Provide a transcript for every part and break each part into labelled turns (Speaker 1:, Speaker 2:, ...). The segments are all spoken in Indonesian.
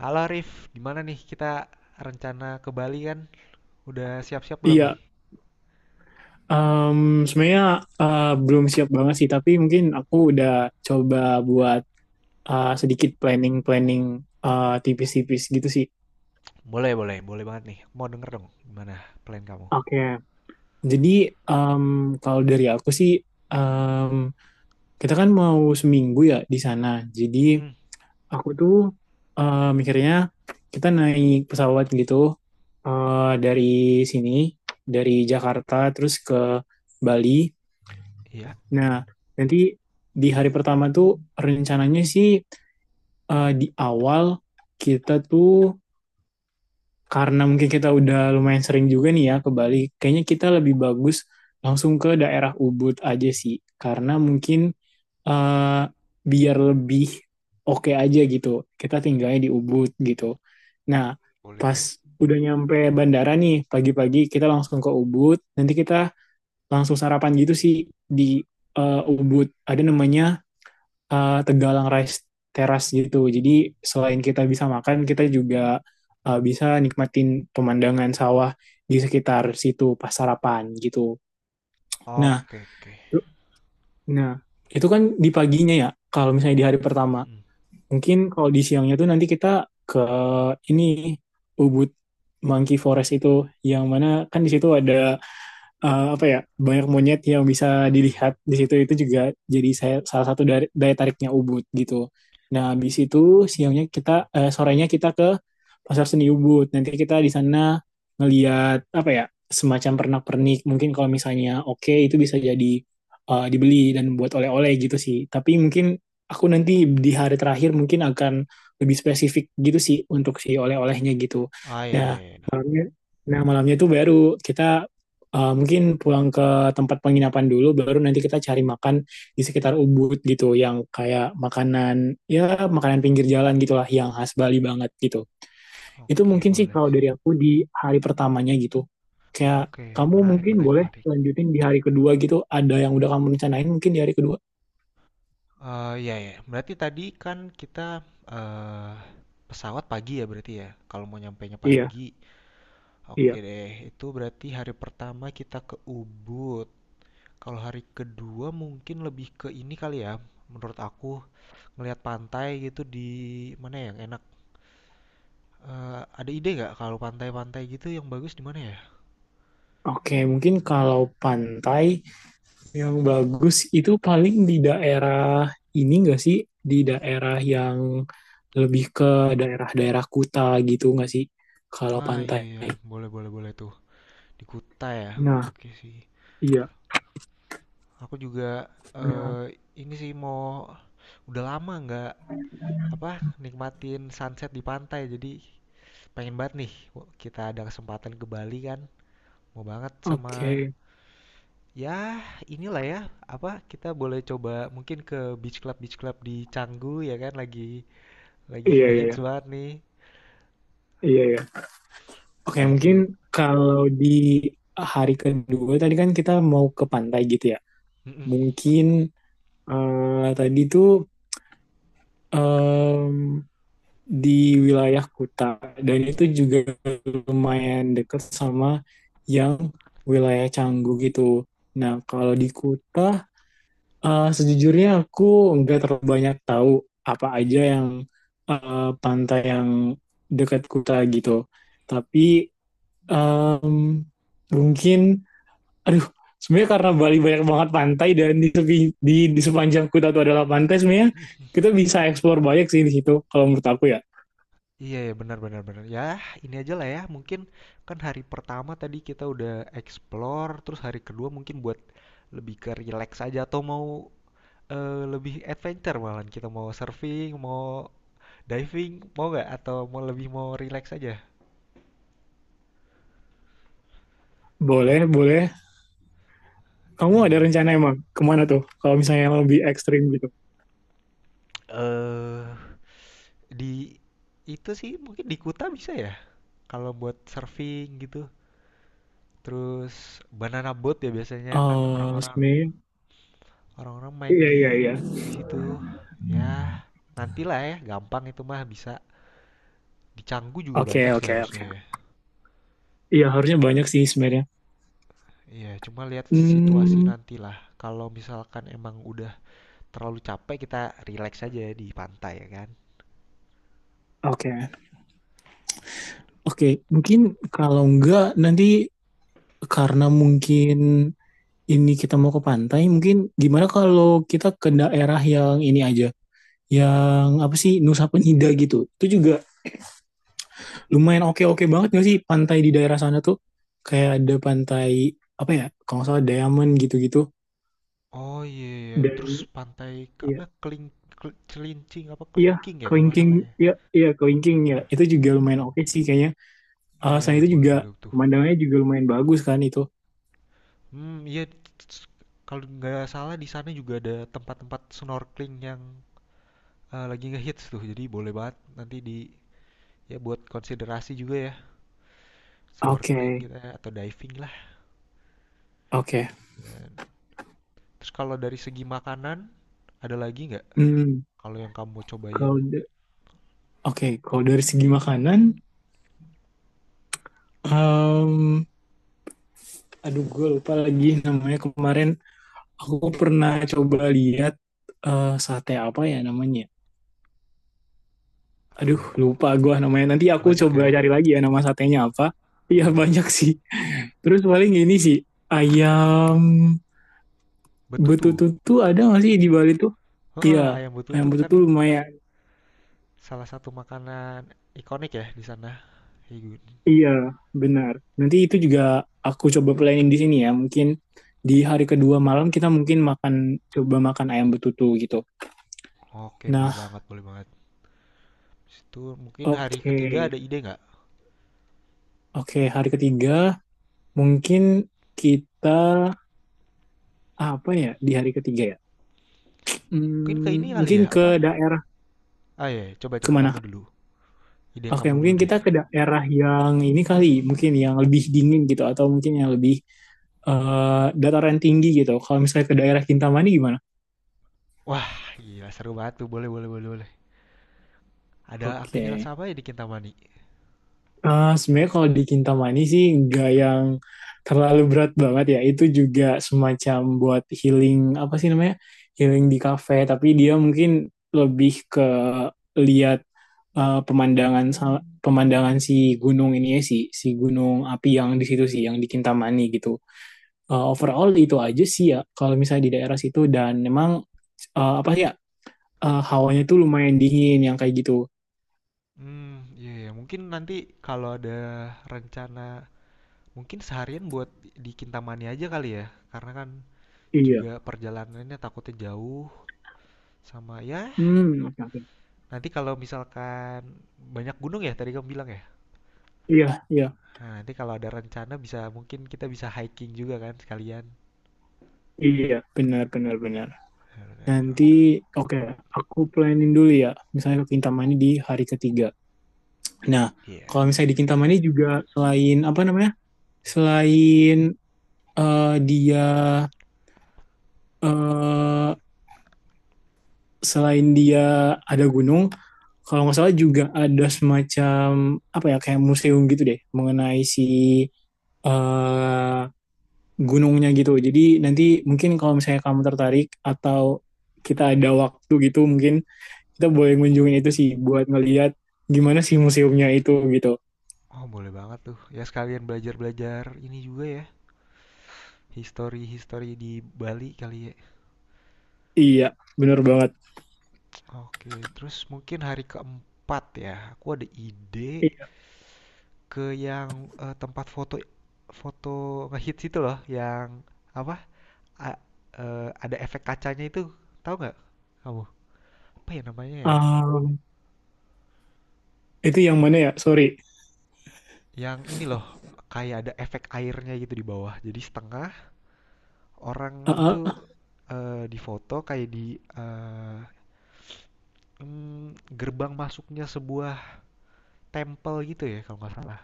Speaker 1: Halo Rif, gimana nih kita rencana ke Bali kan? Udah siap-siap belum nih?
Speaker 2: Iya, em, sebenarnya belum siap banget sih, tapi mungkin aku udah coba buat sedikit planning-planning tipis-tipis gitu sih.
Speaker 1: Boleh, boleh, boleh banget nih. Mau denger dong gimana plan kamu?
Speaker 2: Oke. Jadi em, kalau dari aku sih, em, kita kan mau seminggu ya di sana. Jadi
Speaker 1: Hmm,
Speaker 2: aku tuh mikirnya kita naik pesawat gitu dari sini, dari Jakarta terus ke Bali.
Speaker 1: iya.
Speaker 2: Nah, nanti di hari pertama tuh rencananya sih di awal kita tuh karena mungkin kita udah lumayan sering juga nih ya ke Bali, kayaknya kita lebih bagus langsung ke daerah Ubud aja sih, karena mungkin eh, biar lebih oke aja gitu. Kita tinggalnya di Ubud gitu. Nah,
Speaker 1: Boleh
Speaker 2: pas
Speaker 1: tuh.
Speaker 2: udah nyampe bandara nih pagi-pagi kita langsung ke Ubud, nanti kita langsung sarapan gitu sih di Ubud. Ada namanya Tegalang Rice Terrace gitu. Jadi selain kita bisa makan, kita juga bisa nikmatin pemandangan sawah di sekitar situ pas sarapan gitu. Nah,
Speaker 1: Oke, oke.
Speaker 2: nah, itu kan di paginya ya. Kalau misalnya di hari pertama,
Speaker 1: Mm.
Speaker 2: mungkin kalau di siangnya tuh nanti kita ke ini Ubud Monkey Forest itu, yang mana kan di situ ada apa ya banyak monyet yang bisa dilihat di situ itu juga jadi saya salah satu dari daya tariknya Ubud gitu. Nah, habis itu siangnya kita sorenya kita ke Pasar Seni Ubud. Nanti kita di sana ngeliat apa ya semacam pernak-pernik. Mungkin kalau misalnya oke itu bisa jadi dibeli dan buat oleh-oleh gitu sih. Tapi mungkin aku nanti di hari terakhir mungkin akan lebih spesifik gitu sih untuk si oleh-olehnya gitu.
Speaker 1: Ah, iya, iya,
Speaker 2: Nah,
Speaker 1: iya.
Speaker 2: iya. Nah, malamnya itu baru kita mungkin pulang ke tempat penginapan dulu, baru nanti kita cari makan di sekitar Ubud gitu, yang kayak makanan, ya makanan pinggir jalan gitulah, yang khas Bali banget gitu. Itu
Speaker 1: Oke,
Speaker 2: mungkin sih
Speaker 1: boleh
Speaker 2: kalau
Speaker 1: sih.
Speaker 2: dari aku di hari pertamanya gitu. Kayak
Speaker 1: Oke,
Speaker 2: kamu
Speaker 1: menarik,
Speaker 2: mungkin
Speaker 1: menarik,
Speaker 2: boleh
Speaker 1: menarik.
Speaker 2: lanjutin di hari kedua gitu, ada yang udah kamu rencanain mungkin di hari kedua.
Speaker 1: Eh, iya, iya. Berarti tadi kan kita eh pesawat pagi ya berarti ya. Kalau mau nyampainya
Speaker 2: Iya,
Speaker 1: pagi. Oke
Speaker 2: iya.
Speaker 1: deh, itu berarti hari pertama kita ke Ubud. Kalau hari kedua mungkin lebih ke ini kali ya, menurut aku ngelihat pantai gitu di mana yang enak. Eh, ada ide nggak kalau pantai-pantai gitu yang bagus di mana ya?
Speaker 2: Oke, mungkin kalau pantai, yang bagus itu paling di daerah ini nggak sih? Di daerah yang lebih ke daerah-daerah Kuta gitu nggak sih? Kalau
Speaker 1: Ah iya
Speaker 2: pantai.
Speaker 1: iya, boleh boleh boleh tuh di Kuta ya.
Speaker 2: Nah,
Speaker 1: Oke sih.
Speaker 2: iya.
Speaker 1: Aku juga
Speaker 2: Nah,
Speaker 1: eh ini sih mau udah lama nggak apa nikmatin sunset di pantai. Jadi pengen banget nih kita ada kesempatan ke Bali kan. Mau banget sama
Speaker 2: oke.
Speaker 1: ya, inilah ya, apa kita boleh coba mungkin ke beach club di Canggu ya kan lagi
Speaker 2: Iya, iya,
Speaker 1: ngehits
Speaker 2: iya.
Speaker 1: banget nih.
Speaker 2: Iya, iya. Oke,
Speaker 1: Ya
Speaker 2: mungkin
Speaker 1: itu.
Speaker 2: kalau di hari kedua tadi kan kita mau ke pantai gitu ya.
Speaker 1: Mm-mm.
Speaker 2: Mungkin tadi tuh di wilayah Kuta dan itu juga lumayan dekat sama yang wilayah Canggu gitu. Nah, kalau di Kuta sejujurnya aku nggak terlalu banyak tahu apa aja yang pantai yang dekat Kuta gitu. Tapi em, mungkin aduh sebenarnya karena Bali banyak banget pantai dan di di sepanjang Kuta itu adalah pantai sebenarnya kita bisa eksplor banyak sih di situ kalau menurut aku ya.
Speaker 1: Iya ya benar benar benar. Ya, ini aja lah ya. Mungkin kan hari pertama tadi kita udah explore, terus hari kedua mungkin buat lebih ke relax aja atau mau lebih adventure malahan kita mau surfing, mau diving, mau nggak atau mau lebih mau relax aja? Kalau
Speaker 2: Boleh, boleh. Kamu ada
Speaker 1: iya.
Speaker 2: rencana emang kemana tuh? Kalau misalnya yang lebih ekstrim gitu.
Speaker 1: Eh Di itu sih mungkin di Kuta bisa ya? Kalau buat surfing gitu. Terus banana boat ya biasanya kan
Speaker 2: Oh,
Speaker 1: orang-orang
Speaker 2: sebenarnya.
Speaker 1: orang-orang main
Speaker 2: Iya,
Speaker 1: di
Speaker 2: iya, iya.
Speaker 1: situ. Ya, nantilah ya, gampang itu mah bisa. Di Canggu juga
Speaker 2: Oke,
Speaker 1: banyak sih
Speaker 2: oke,
Speaker 1: harusnya
Speaker 2: oke.
Speaker 1: ya.
Speaker 2: Iya, harusnya banyak sih sebenarnya.
Speaker 1: Iya, cuma lihat situasi
Speaker 2: Hmm,
Speaker 1: nantilah. Kalau misalkan emang udah terlalu capek, kita relax aja ya di pantai ya kan.
Speaker 2: oke. Oke, mungkin kalau enggak nanti karena mungkin ini kita mau ke pantai, mungkin gimana kalau kita ke daerah yang ini aja, yang apa sih Nusa Penida gitu. Itu juga lumayan oke-oke banget gak sih pantai di daerah sana tuh? Kayak ada pantai apa ya? Kalau nggak salah Diamond gitu-gitu.
Speaker 1: Oh iya, iya. Terus
Speaker 2: Dan
Speaker 1: pantai
Speaker 2: iya,
Speaker 1: apa keling, celincing apa
Speaker 2: iya,
Speaker 1: kelingking ya kalau nggak
Speaker 2: kelingking,
Speaker 1: salah ya.
Speaker 2: iya, iya, kelingking ya. Itu juga lumayan oke sih kayaknya. Ah,
Speaker 1: Iya ya
Speaker 2: itu
Speaker 1: boleh
Speaker 2: juga
Speaker 1: boleh tuh.
Speaker 2: pemandangannya juga lumayan bagus kan itu.
Speaker 1: Hmm, iya. s- Kalau nggak salah di sana juga ada tempat-tempat snorkeling yang lagi ngehits tuh. Jadi boleh banget nanti di ya buat konsiderasi juga ya snorkeling
Speaker 2: Oke,
Speaker 1: kita atau diving lah.
Speaker 2: oke.
Speaker 1: Ya. Terus kalau dari segi makanan ada lagi nggak?
Speaker 2: Hmm,
Speaker 1: Kalau yang kamu mau cobain
Speaker 2: kalau da- oke, kalau dari segi makanan, em, aduh gue lupa lagi namanya kemarin. Aku pernah coba lihat sate apa ya namanya.
Speaker 1: apa
Speaker 2: Aduh,
Speaker 1: tuh?
Speaker 2: lupa gue namanya. Nanti aku
Speaker 1: Banyak
Speaker 2: coba
Speaker 1: ya.
Speaker 2: cari lagi ya nama satenya apa. Iya
Speaker 1: Aman-aman.
Speaker 2: banyak sih. Terus paling ini sih ayam
Speaker 1: Betutu.
Speaker 2: Betutu tuh ada nggak sih di Bali tuh?
Speaker 1: Heeh,
Speaker 2: Iya,
Speaker 1: ayam
Speaker 2: ayam
Speaker 1: betutu kan
Speaker 2: betutu lumayan.
Speaker 1: salah satu makanan ikonik ya di sana. Iya, Gun.
Speaker 2: Iya, benar. Nanti itu juga aku coba planning di sini ya. Mungkin di hari kedua malam kita mungkin makan coba makan ayam betutu gitu.
Speaker 1: Oke,
Speaker 2: Nah,
Speaker 1: boleh banget, boleh banget. Situ mungkin hari
Speaker 2: oke.
Speaker 1: ketiga ada ide nggak?
Speaker 2: Oke, hari ketiga mungkin kita apa ya di hari ketiga ya?
Speaker 1: Mungkin ke ini
Speaker 2: Hmm,
Speaker 1: kali
Speaker 2: mungkin
Speaker 1: ya, apa?
Speaker 2: ke daerah
Speaker 1: Ah ya, coba coba kamu
Speaker 2: kemana?
Speaker 1: dulu. Ide
Speaker 2: Oke,
Speaker 1: kamu dulu
Speaker 2: mungkin
Speaker 1: deh.
Speaker 2: kita ke daerah yang ini kali, mungkin yang lebih dingin gitu atau mungkin yang lebih dataran tinggi gitu. Kalau misalnya ke daerah Kintamani gimana?
Speaker 1: Wah, gila seru banget tuh. Boleh, boleh, boleh, boleh. Ada aktivitas
Speaker 2: Oke.
Speaker 1: apa ya di Kintamani?
Speaker 2: Sebenarnya kalau di Kintamani sih nggak yang terlalu berat banget ya. Itu juga semacam buat healing apa sih namanya? Healing di kafe, tapi dia mungkin lebih ke lihat eh, pemandangan sa- pemandangan si gunung ini ya sih, si gunung api yang di situ sih, yang di Kintamani gitu. Overall itu aja sih ya kalau misalnya di daerah situ dan memang apa sih ya hawanya tuh lumayan dingin yang kayak gitu.
Speaker 1: Hmm, iya, iya. Mungkin nanti kalau ada rencana, mungkin seharian buat di Kintamani aja kali ya. Karena kan
Speaker 2: Iya.
Speaker 1: juga perjalanannya takutnya jauh sama ya.
Speaker 2: Hmm, oke oke.
Speaker 1: Nanti kalau misalkan banyak gunung ya, tadi kamu bilang ya.
Speaker 2: Iya, iya.
Speaker 1: Nah, nanti kalau ada rencana bisa mungkin kita bisa hiking juga kan sekalian.
Speaker 2: Iya, benar benar benar. Nanti
Speaker 1: Benar.
Speaker 2: oke, aku planning dulu ya. Misalnya ke Kintamani di hari ketiga. Nah,
Speaker 1: Iya. Yeah.
Speaker 2: kalau misalnya di Kintamani juga selain apa namanya? Selain eh, dia eh selain dia ada gunung, kalau nggak salah juga ada semacam apa ya kayak museum gitu deh mengenai si eh gunungnya gitu. Jadi nanti mungkin kalau misalnya kamu tertarik atau kita ada waktu gitu mungkin kita boleh
Speaker 1: Mm-mm.
Speaker 2: ngunjungin itu sih buat ngelihat gimana sih museumnya itu gitu.
Speaker 1: Oh, boleh banget tuh. Ya sekalian belajar-belajar ini juga ya, history-history di Bali kali ya.
Speaker 2: Iya, bener banget.
Speaker 1: Oke, terus mungkin hari keempat ya, aku ada ide
Speaker 2: Iya.
Speaker 1: ke yang tempat foto foto ngehits itu loh, yang apa? A- ada efek kacanya itu, tahu nggak kamu? Apa ya namanya ya?
Speaker 2: Um, itu yang mana ya? Sorry.
Speaker 1: Yang ini loh, kayak ada efek airnya gitu di bawah. Jadi setengah orang
Speaker 2: Ah, ah,
Speaker 1: itu
Speaker 2: ah.
Speaker 1: difoto kayak di eh, gerbang masuknya sebuah temple gitu ya kalau nggak salah.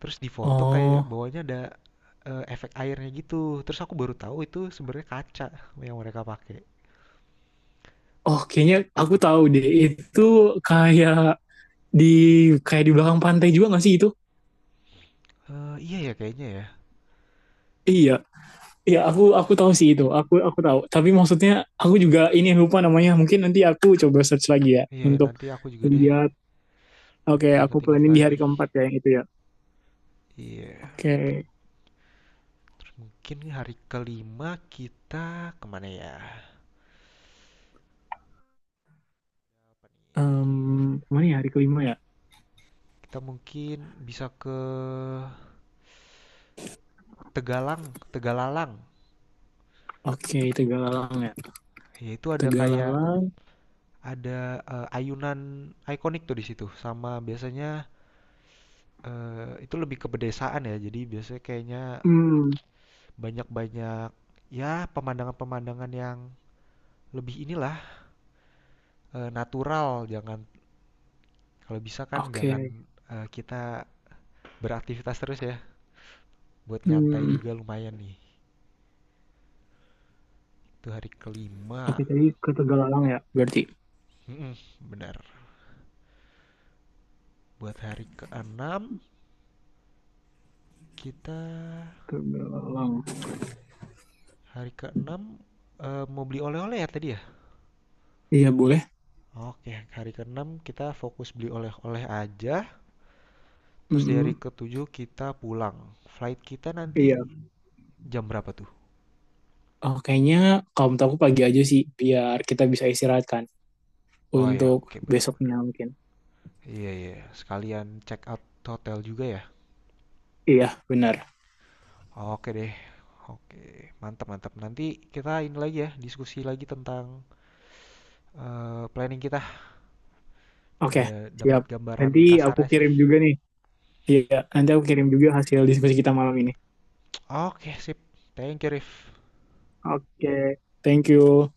Speaker 1: Terus di foto kayak
Speaker 2: Oh,
Speaker 1: bawahnya ada efek airnya gitu. Terus aku baru tahu itu sebenarnya kaca yang mereka pakai.
Speaker 2: oh, kayaknya aku tahu deh. Itu kayak di belakang pantai juga nggak sih itu?
Speaker 1: Eh, iya ya kayaknya ya.
Speaker 2: Iya. Iya, aku tahu sih itu. Aku tahu. Tapi maksudnya aku juga ini lupa namanya. Mungkin nanti aku coba search lagi ya
Speaker 1: Iya ya,
Speaker 2: untuk
Speaker 1: nanti aku juga deh
Speaker 2: lihat. Oke, aku
Speaker 1: ingat-ingat
Speaker 2: planning di hari
Speaker 1: lagi.
Speaker 2: keempat ya yang itu ya.
Speaker 1: Iya.
Speaker 2: Oke,
Speaker 1: Terus mungkin hari kelima kita kemana ya?
Speaker 2: em, kemana ya hari kelima ya?
Speaker 1: Kita mungkin bisa ke Tegalang, Tegalalang.
Speaker 2: Oke, Tegalalang ya.
Speaker 1: Ya itu ada kayak
Speaker 2: Tegalalang.
Speaker 1: ada ayunan ikonik tuh di situ sama biasanya itu lebih ke pedesaan ya jadi biasanya kayaknya
Speaker 2: Hmm,
Speaker 1: banyak-banyak ya pemandangan-pemandangan yang lebih inilah natural jangan kalau bisa kan jangan
Speaker 2: oke.
Speaker 1: kita beraktivitas terus ya buat nyantai
Speaker 2: Hmm,
Speaker 1: juga lumayan nih itu hari kelima
Speaker 2: oke tadi ke Tegalalang ya. Berarti
Speaker 1: mm benar buat hari keenam kita
Speaker 2: Tegalalang.
Speaker 1: hari keenam mau beli oleh-oleh ya tadi ya.
Speaker 2: Iya boleh.
Speaker 1: Oke, hari keenam kita fokus beli oleh-oleh aja. Terus di hari
Speaker 2: Hmm,
Speaker 1: ketujuh kita pulang. Flight kita nanti
Speaker 2: iya.
Speaker 1: jam berapa tuh?
Speaker 2: Oh, kayaknya kalau menurut aku pagi aja sih, biar kita bisa istirahat kan
Speaker 1: Oh ya,
Speaker 2: untuk
Speaker 1: oke benar-benar.
Speaker 2: besoknya mungkin.
Speaker 1: Iya iya, sekalian check out hotel juga ya.
Speaker 2: Iya, benar.
Speaker 1: Oke deh. Oke, mantap mantap. Nanti kita ini lagi ya, diskusi lagi tentang planning kita.
Speaker 2: Oke,
Speaker 1: Udah dapat
Speaker 2: siap.
Speaker 1: gambaran
Speaker 2: Nanti aku
Speaker 1: kasarnya sih.
Speaker 2: kirim juga nih. Iya, nanti aku kirim juga hasil diskusi kita malam ini.
Speaker 1: Oke, sip. Thank you, Rif.
Speaker 2: Oke, thank you.